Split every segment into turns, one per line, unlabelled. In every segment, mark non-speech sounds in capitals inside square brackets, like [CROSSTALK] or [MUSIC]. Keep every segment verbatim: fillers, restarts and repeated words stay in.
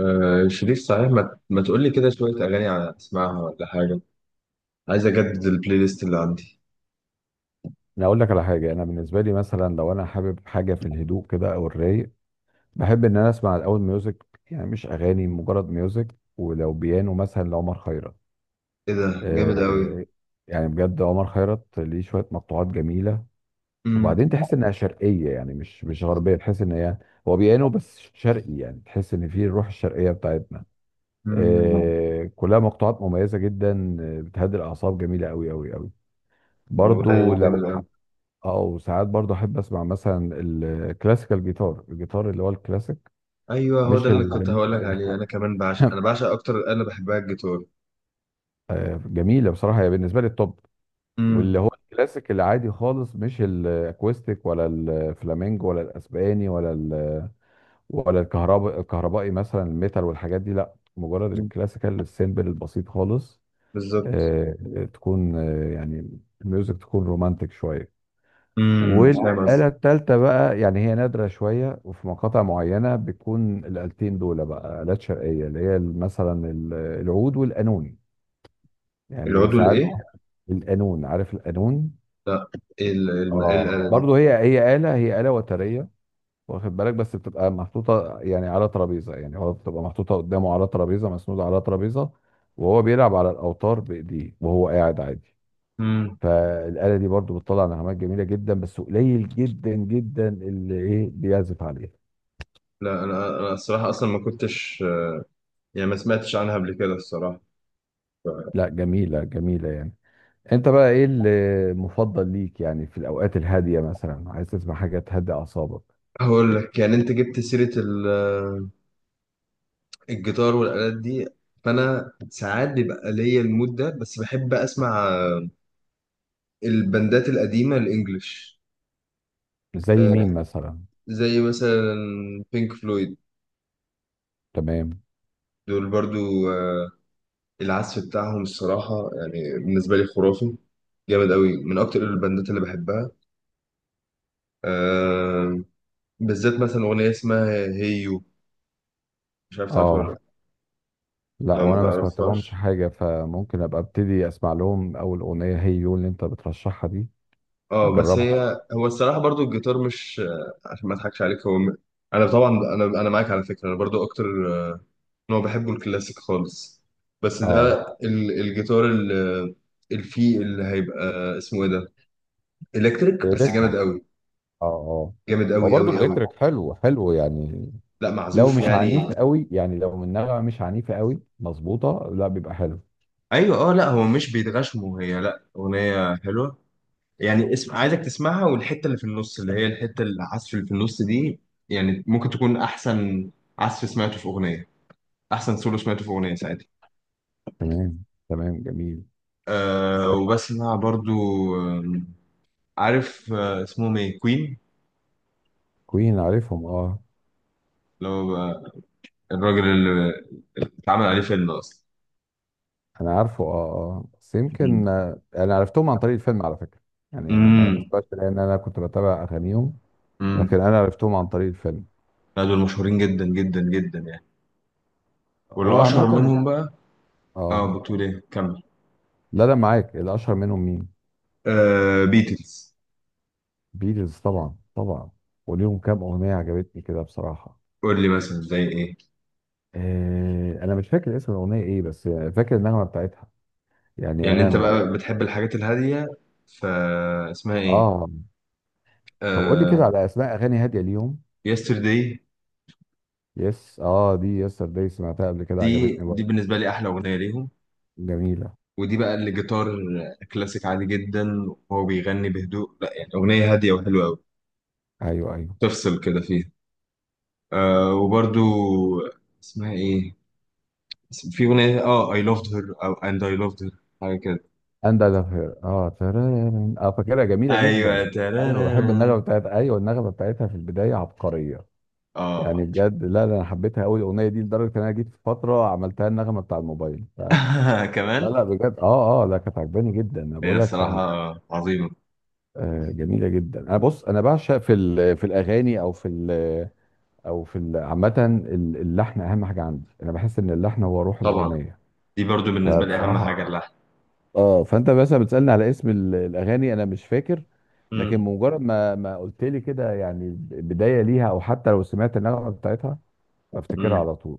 آه شريف، صحيح ما, ما تقول لي كده شوية أغاني على أسمعها ولا حاجة؟ عايز أجدد البلاي ليست اللي عندي.
انا اقول لك على حاجه. انا بالنسبه لي مثلا لو انا حابب حاجه في الهدوء كده او الرايق، بحب ان انا اسمع الاول ميوزك، يعني مش اغاني مجرد ميوزك، ولو بيانو مثلا لعمر خيرت.
إيه ده جامد أوي.
آه يعني بجد عمر خيرت ليه شويه مقطوعات جميله،
أمم.
وبعدين تحس انها شرقيه، يعني مش مش غربيه، تحس ان هي هو بيانو بس شرقي، يعني تحس ان فيه الروح الشرقيه بتاعتنا.
أمم.
آه كلها مقطوعات مميزه جدا، آه، بتهدي الاعصاب، جميله قوي قوي قوي. برضو
والله
لو
جامد أوي.
او ساعات برضه احب اسمع مثلا الكلاسيكال جيتار، الجيتار اللي هو الكلاسيك.
أيوه، هو ده
مش
اللي كنت
ال... مش
هقول لك عليه. أنا
[LAUGHS]
كمان بعشق، أنا بعشق أكتر، أنا بحبها الجيتار.
آه، جميله بصراحه، هي بالنسبه لي التوب.
أمم.
واللي هو الكلاسيك العادي خالص، مش الاكوستيك ولا الفلامينجو ولا الاسباني ولا ال... ولا الكهرباء الكهربائي، مثلا الميتال والحاجات دي لا، مجرد
أمم،
الكلاسيكال السيمبل البسيط خالص.
بالظبط.
آه، تكون آه، يعني الميوزك تكون رومانتك شويه.
أمم، فاهم
والآلة
قصدي.
التالتة بقى يعني هي نادرة شوية، وفي مقاطع معينة بتكون الآلتين دول بقى آلات شرقية، اللي هي مثلا ال- العود والقانون. يعني
العضو
ساعات
الإيه؟
القانون، عارف القانون؟
لا. إيه ال- إيه الم- إيه
اه
الآلة دي؟
برضه هي هي آلة، هي آلة وترية. واخد بالك بس بتبقى محطوطة يعني على ترابيزة، يعني هو بتبقى محطوطة قدامه على ترابيزة مسنودة على ترابيزة، وهو بيلعب على الأوتار بإيديه وهو قاعد عادي.
أمم.
فالآلة دي برضه بتطلع نغمات جميلة جدا، بس قليل جدا جدا اللي إيه بيعزف عليها.
لا، أنا أنا الصراحة أصلا ما كنتش، يعني ما سمعتش عنها قبل كده الصراحة.
لا جميلة جميلة يعني. انت بقى ايه المفضل ليك، يعني في الاوقات الهادية مثلا عايز تسمع حاجة تهدي اعصابك؟
هقول لك، يعني أنت جبت سيرة ال الجيتار والآلات دي، فأنا ساعات بيبقى ليا المود ده، بس بحب أسمع البندات القديمة الإنجليش.
زي
آه،
مين مثلا؟
زي مثلا بينك فلويد.
تمام.
دول برضو آه، العزف بتاعهم الصراحة يعني بالنسبة لي خرافي. جامد قوي، من أكتر البندات اللي بحبها. آه، بالذات مثلا أغنية اسمها هيو. مش عارف تعرفها ولا
اه
لأ.
لا،
لو ما
وانا ما سمعت لهمش
تعرفهاش،
حاجة، فممكن ابقى ابتدي اسمع لهم، اول اغنية هي يو اللي انت بترشحها دي.
اه، بس
نجربها.
هي هو الصراحه، برضو الجيتار، مش آه، عشان ما اضحكش عليك، هو م- انا طبعا، انا انا معاك على فكره. انا برضو اكتر نوع بحبه الكلاسيك خالص. بس ده
اه
ال- الجيتار ال- الفي اللي هيبقى اسمه ايه ده، الكتريك، بس جامد
الالكتريك،
قوي.
اه اه.
جامد
هو
قوي
برضه
قوي قوي.
الالكتريك حلو حلو يعني،
لا،
لو
معزوف
مش
يعني.
عنيف قوي، يعني لو من نغمة مش عنيفة قوي مظبوطة لا، بيبقى حلو.
ايوه، اه، لا، هو مش بيتغشموا، هي لا، اغنيه حلوه يعني. اسم عايزك تسمعها، والحته اللي في النص، اللي هي الحته العزف اللي في النص دي، يعني ممكن تكون احسن عزف سمعته في اغنيه، احسن سولو سمعته في اغنيه ساعتها.
تمام تمام، جميل.
أه وبسمع برضو، آه، عارف آه، اسمهم ايه، كوين.
كوين عارفهم اه.
اللي هو بقى الراجل اللي اتعمل عليه فيلم اصلا.
انا عارفه اه. اه بس
مم.
يمكن آه، انا عرفتهم عن طريق الفيلم على فكره. يعني انا ما ما
امم.
سمعتش لان انا كنت بتابع اغانيهم،
امم.
لكن انا عرفتهم عن طريق الفيلم.
لا، دول مشهورين جدا جدا جدا يعني. واللي
هو
اشهر
عامه.
منهم بقى،
اه
اه بتقول ايه، كمل.
لا لا، معاك، الاشهر منهم مين؟
آه، بيتلز.
بيتلز طبعا طبعا. وليهم كام اغنيه عجبتني كده بصراحه.
قول لي مثلا زي ايه.
آه انا مش فاكر اسم الاغنيه ايه، بس فاكر النغمه بتاعتها. يعني
يعني
انا
انت بقى بتحب الحاجات الهاديه، فاسمها ايه.
اه. طب قول لي كده
آه،
على اسماء اغاني هاديه ليهم.
يسترداي.
يس اه دي يسترداي، سمعتها قبل كده،
دي
عجبتني
دي
برضه.
بالنسبه لي احلى اغنيه ليهم.
جميله.
ودي بقى اللي جيتار كلاسيك عادي جدا، وهو بيغني بهدوء، لا يعني أغنية هادية وحلوة أوي،
ايوه ايوه.
تفصل كده فيها. آه وبرضو، اسمها إيه، في أغنية آه I loved her، أو and I loved her، حاجة كده.
اند اجافير اه ترارارن. اه فاكرها جميله جدا.
أيوة،
ايوه بحب
ترارارا.
النغمه بتاعت، ايوه النغمه بتاعتها في البدايه عبقريه. يعني
آه
بجد لا لا، انا حبيتها قوي الاغنيه دي، لدرجه ان انا جيت في فتره عملتها النغمه بتاع الموبايل ف... لا
[LAUGHS] كمان.
لا بجد اه اه لا، كانت عجباني جدا، انا
هي
بقول لك
الصراحة
انا.
عظيمة.
آه جميله جدا. انا بص، انا بعشق في ال... في الاغاني او في ال... او في ال- عامه ال- اللحن اهم حاجه عندي، انا بحس ان اللحن هو روح
طبعا،
الاغنيه.
دي برضو بالنسبة لي أهم
فبصراحه
حاجة اللحن.
اه، فانت مثلا بتسالني على اسم ال- الاغاني، انا مش فاكر. لكن
مم.
مجرد ما ما قلت لي كده يعني بدايه ليها، او حتى لو سمعت النغمه بتاعتها، بفتكرها
مم.
على طول.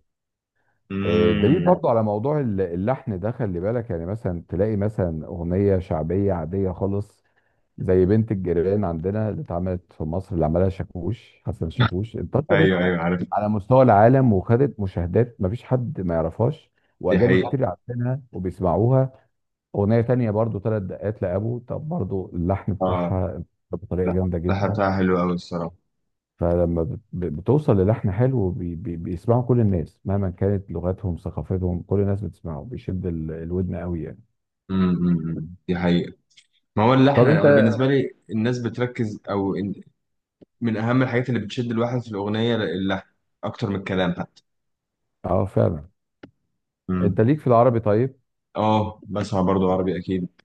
آه، الدليل
مم.
برضو على موضوع ال- اللحن ده، خلي بالك يعني مثلا تلاقي مثلا اغنيه شعبيه عاديه خالص، زي بنت الجيران عندنا اللي اتعملت في مصر اللي عملها شاكوش، حسن
[LAUGHS]
شاكوش، انتشرت
ايوه، ايوه، عارف.
على مستوى العالم وخدت مشاهدات، مفيش حد ما يعرفهاش،
دي
واجانب
حقيقة.
كتير عارفينها وبيسمعوها. أغنية تانية برضو ثلاث دقات لأبو، طب برضو اللحن
اه
بتاعها بطريقة
لا،
جامدة
الحلقة
جدا.
بتاعها حلوة أوي الصراحة.
فلما بت- بتوصل للحن حلو، بي بي بيسمعه كل الناس مهما كانت لغتهم ثقافتهم، كل الناس بتسمعه، بيشد ال- الودن قوي يعني.
أمم، أمم، أمم. دي حقيقة. ما هو اللي
طب
احنا
انت
انا بالنسبه لي، الناس بتركز، او إن- من اهم الحاجات اللي بتشد الواحد في الاغنيه اللحن، اكتر من الكلام حتى.
اه فعلا، انت
امم.
ليك في العربي طيب؟
اه، بسمع برضو عربي اكيد.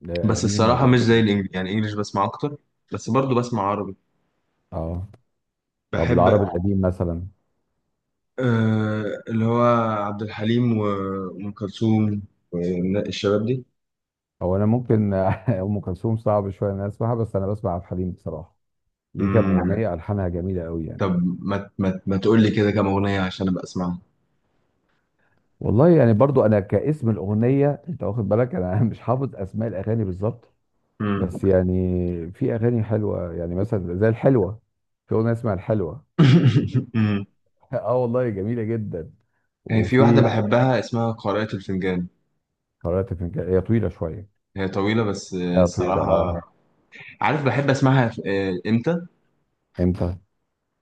لا
بس
قديم
الصراحه
ولا
مش زي
جديد؟
الانجليزي، يعني انجليش بسمع اكتر، بس برضو بسمع عربي.
اه طب
بحب.
العربي القديم مثلا.
آه، اللي هو عبد الحليم و- وام كلثوم والشباب دي.
هو انا ممكن [LAUGHS] ام كلثوم صعب شويه ان انا اسمعها، بس انا بسمع عبد الحليم بصراحه، ليه كام
امم.
اغنيه الحانها جميله قوي يعني.
طب، ما ما ما تقول لي كده كام اغنيه عشان ابقى اسمعها.
والله يعني برضو انا كاسم الاغنيه، انت واخد بالك انا [LAUGHS] مش حافظ اسماء الاغاني بالظبط،
امم.
بس يعني في اغاني حلوه، يعني مثلا زي الحلوه، في اغنيه اسمها الحلوه.
[LAUGHS] أمم.
[LAUGHS] اه والله جميله جدا.
هي في واحده
وفي
بحبها اسمها قارئة الفنجان.
قارئة الفنجان، هي طويله شويه،
هي طويلة، بس آه،
اه طويله اه.
الصراحة، عارف، بحب اسمعها في- آه، امتى؟
امتى؟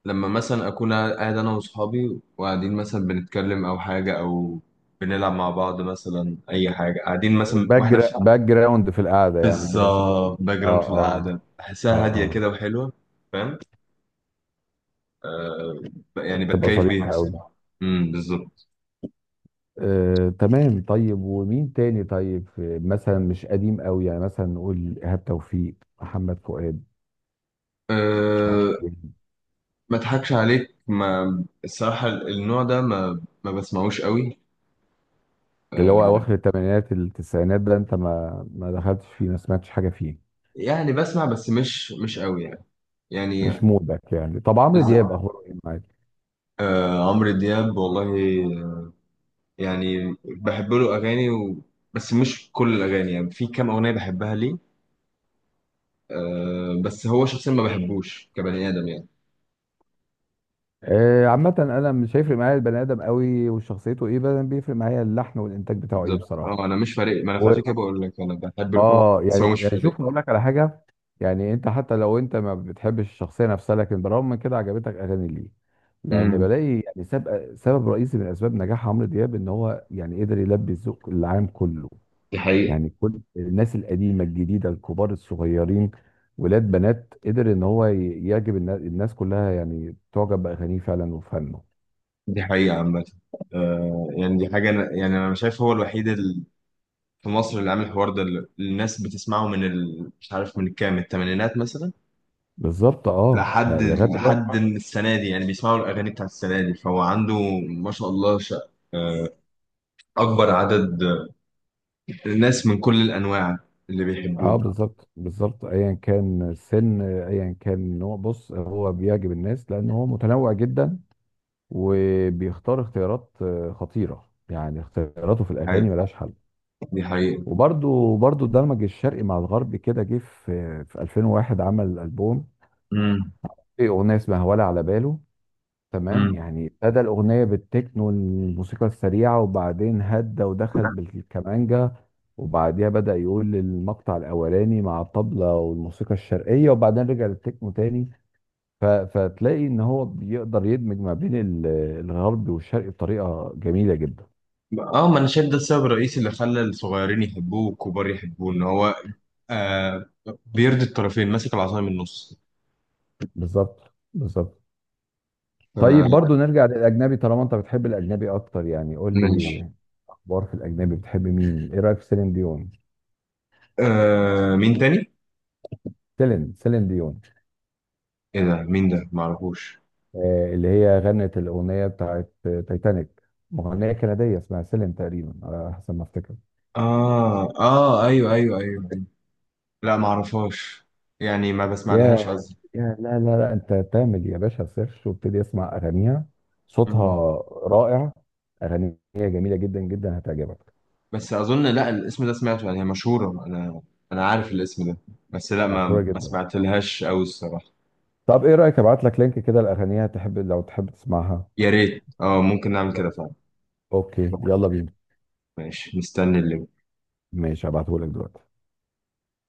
لما مثلا اكون قاعد انا واصحابي، وقاعدين مثلا بنتكلم او حاجة، او بنلعب مع بعض مثلا، اي حاجة، قاعدين مثلا واحنا
باك،
في،
باك جراوند في القعده، يعني كده شغال.
بالظبط، باك
اه
جراوند في
اه
القعدة، بحسها هادية
اه.
كده وحلوة. فاهم. ب-
اه
يعني
تبقى
بتكيف بيها
ظريفه قوي.
الصراحة. امم، بالظبط.
آه، تمام، طيب ومين تاني، طيب آه، مثلا مش قديم قوي، يعني مثلا نقول ايهاب توفيق، محمد فؤاد.
أه، ما اضحكش عليك، ما الصراحة النوع ده ما ما بسمعوش قوي.
اللي هو اواخر الثمانينات التسعينات ده انت ما ما دخلتش فيه، ما سمعتش حاجه فيه.
يعني بسمع بس مش مش قوي يعني.
مش مودك يعني. طب عمرو
يعني
دياب اخباره ايه معاك؟
آه عمرو دياب، والله يعني بحب له اغاني و، بس مش كل الاغاني، يعني في كام اغنيه بحبها ليه. آه، بس هو شخصيا ما بحبوش كبني ادم يعني.
آه عامه انا مش هيفرق معايا البني ادم قوي وشخصيته ايه، بس بيفرق معايا اللحن والانتاج بتاعه ايه
بالظبط،
بصراحه.
اه، انا مش فارق. ما انا
و...
عشان كده بقول لك انا بحب له كام أغنية،
اه
بس
يعني
هو مش
يعني
فارق.
شوف اقول لك على حاجه، يعني انت حتى لو انت ما بتحبش الشخصيه نفسها، لكن بالرغم من كده عجبتك اغاني ليه، لان
امم.
بلاقي يعني سبب سبب رئيسي من اسباب نجاح عمرو دياب ان هو يعني قدر يلبي الذوق العام كله.
دي حقيقه.
يعني كل الناس، القديمه الجديده، الكبار الصغيرين، ولاد بنات، قدر ان هو ي- يعجب النا- الناس كلها، يعني تعجب باغانيه فعلا وفنه.
دي حقيقه عامه. آه يعني دي حاجه. أنا يعني انا شايف هو الوحيد ال- في مصر اللي عامل الحوار ده، اللي الناس بتسمعه من ال... مش عارف من كام، الثمانينات مثلا،
بالظبط اه
لحد
يعني لغايه دلوقتي.
لحد السنة دي. يعني بيسمعوا الأغاني بتاع السنة دي، فهو عنده ما شاء الله ش... آه، أكبر عدد الناس من كل الأنواع اللي
اه
بيحبوه.
بالظبط بالظبط، ايا كان السن ايا كان نوع، بص هو بيعجب الناس لان هو متنوع جدا، وبيختار اختيارات آه، خطيره، يعني اختياراته في الاغاني
حقيقة.
ملهاش حل.
دي حقيقة.
وبرده برده دمج الشرق مع الغرب كده، جه في في ألفين وواحد عمل البوم،
امم.
في اغنيه اسمها ولا على باله، تمام،
امم.
يعني ابتدى الأغنية بالتكنو الموسيقى السريعة، وبعدين هدى ودخل بالكمانجا، وبعديها بدأ يقول المقطع الأولاني مع الطبلة والموسيقى الشرقية، وبعدين رجع للتكنو تاني. ف... فتلاقي إن هو بيقدر يدمج ما بين ال- الغرب والشرق بطريقة جميلة جدا.
اه، ما انا شايف ده السبب الرئيسي اللي خلى الصغيرين يحبوه والكبار يحبوه، ان هو آه، بيرضي الطرفين، ماسك العصاية من النص.
بالظبط بالظبط. طيب برضو
ف-
نرجع للأجنبي، طالما أنت بتحب الأجنبي أكتر، يعني قول لي
ماشي.
أخبار في الأجنبي بتحب مين؟ إيه رأيك في سيلين ديون؟
آه، مين تاني؟
سيلين سيلين ديون.
ايه ده؟ مين ده؟ معرفوش.
آه، اللي هي غنت الأغنية بتاعت آه، تايتانيك، مغنية كندية اسمها سيلين تقريبا على حسب ما افتكر.
اه، اه، ايوه، ايوه، ايوه. لا، معرفهاش، يعني ما بسمع لهاش.
يا يا لا لا لا، انت تعمل يا باشا سيرش وابتدي اسمع اغانيها، صوتها
مم.
رائع، اغانيها جميلة جدا جدا هتعجبك،
بس اظن، لا، الاسم ده سمعته، يعني هي مشهوره، انا انا عارف الاسم ده، بس لا، ما
مشهورة
ما
جدا.
سمعتلهاش قوي الصراحه.
طب ايه رأيك ابعت لك لينك كده لاغانيها، تحب لو تحب تسمعها؟
يا ريت، اه، ممكن نعمل كده
خلاص
فعلا.
اوكي،
طيب،
يلا بينا.
ماشي، مستني اللي
ماشي هبعتهولك دلوقتي.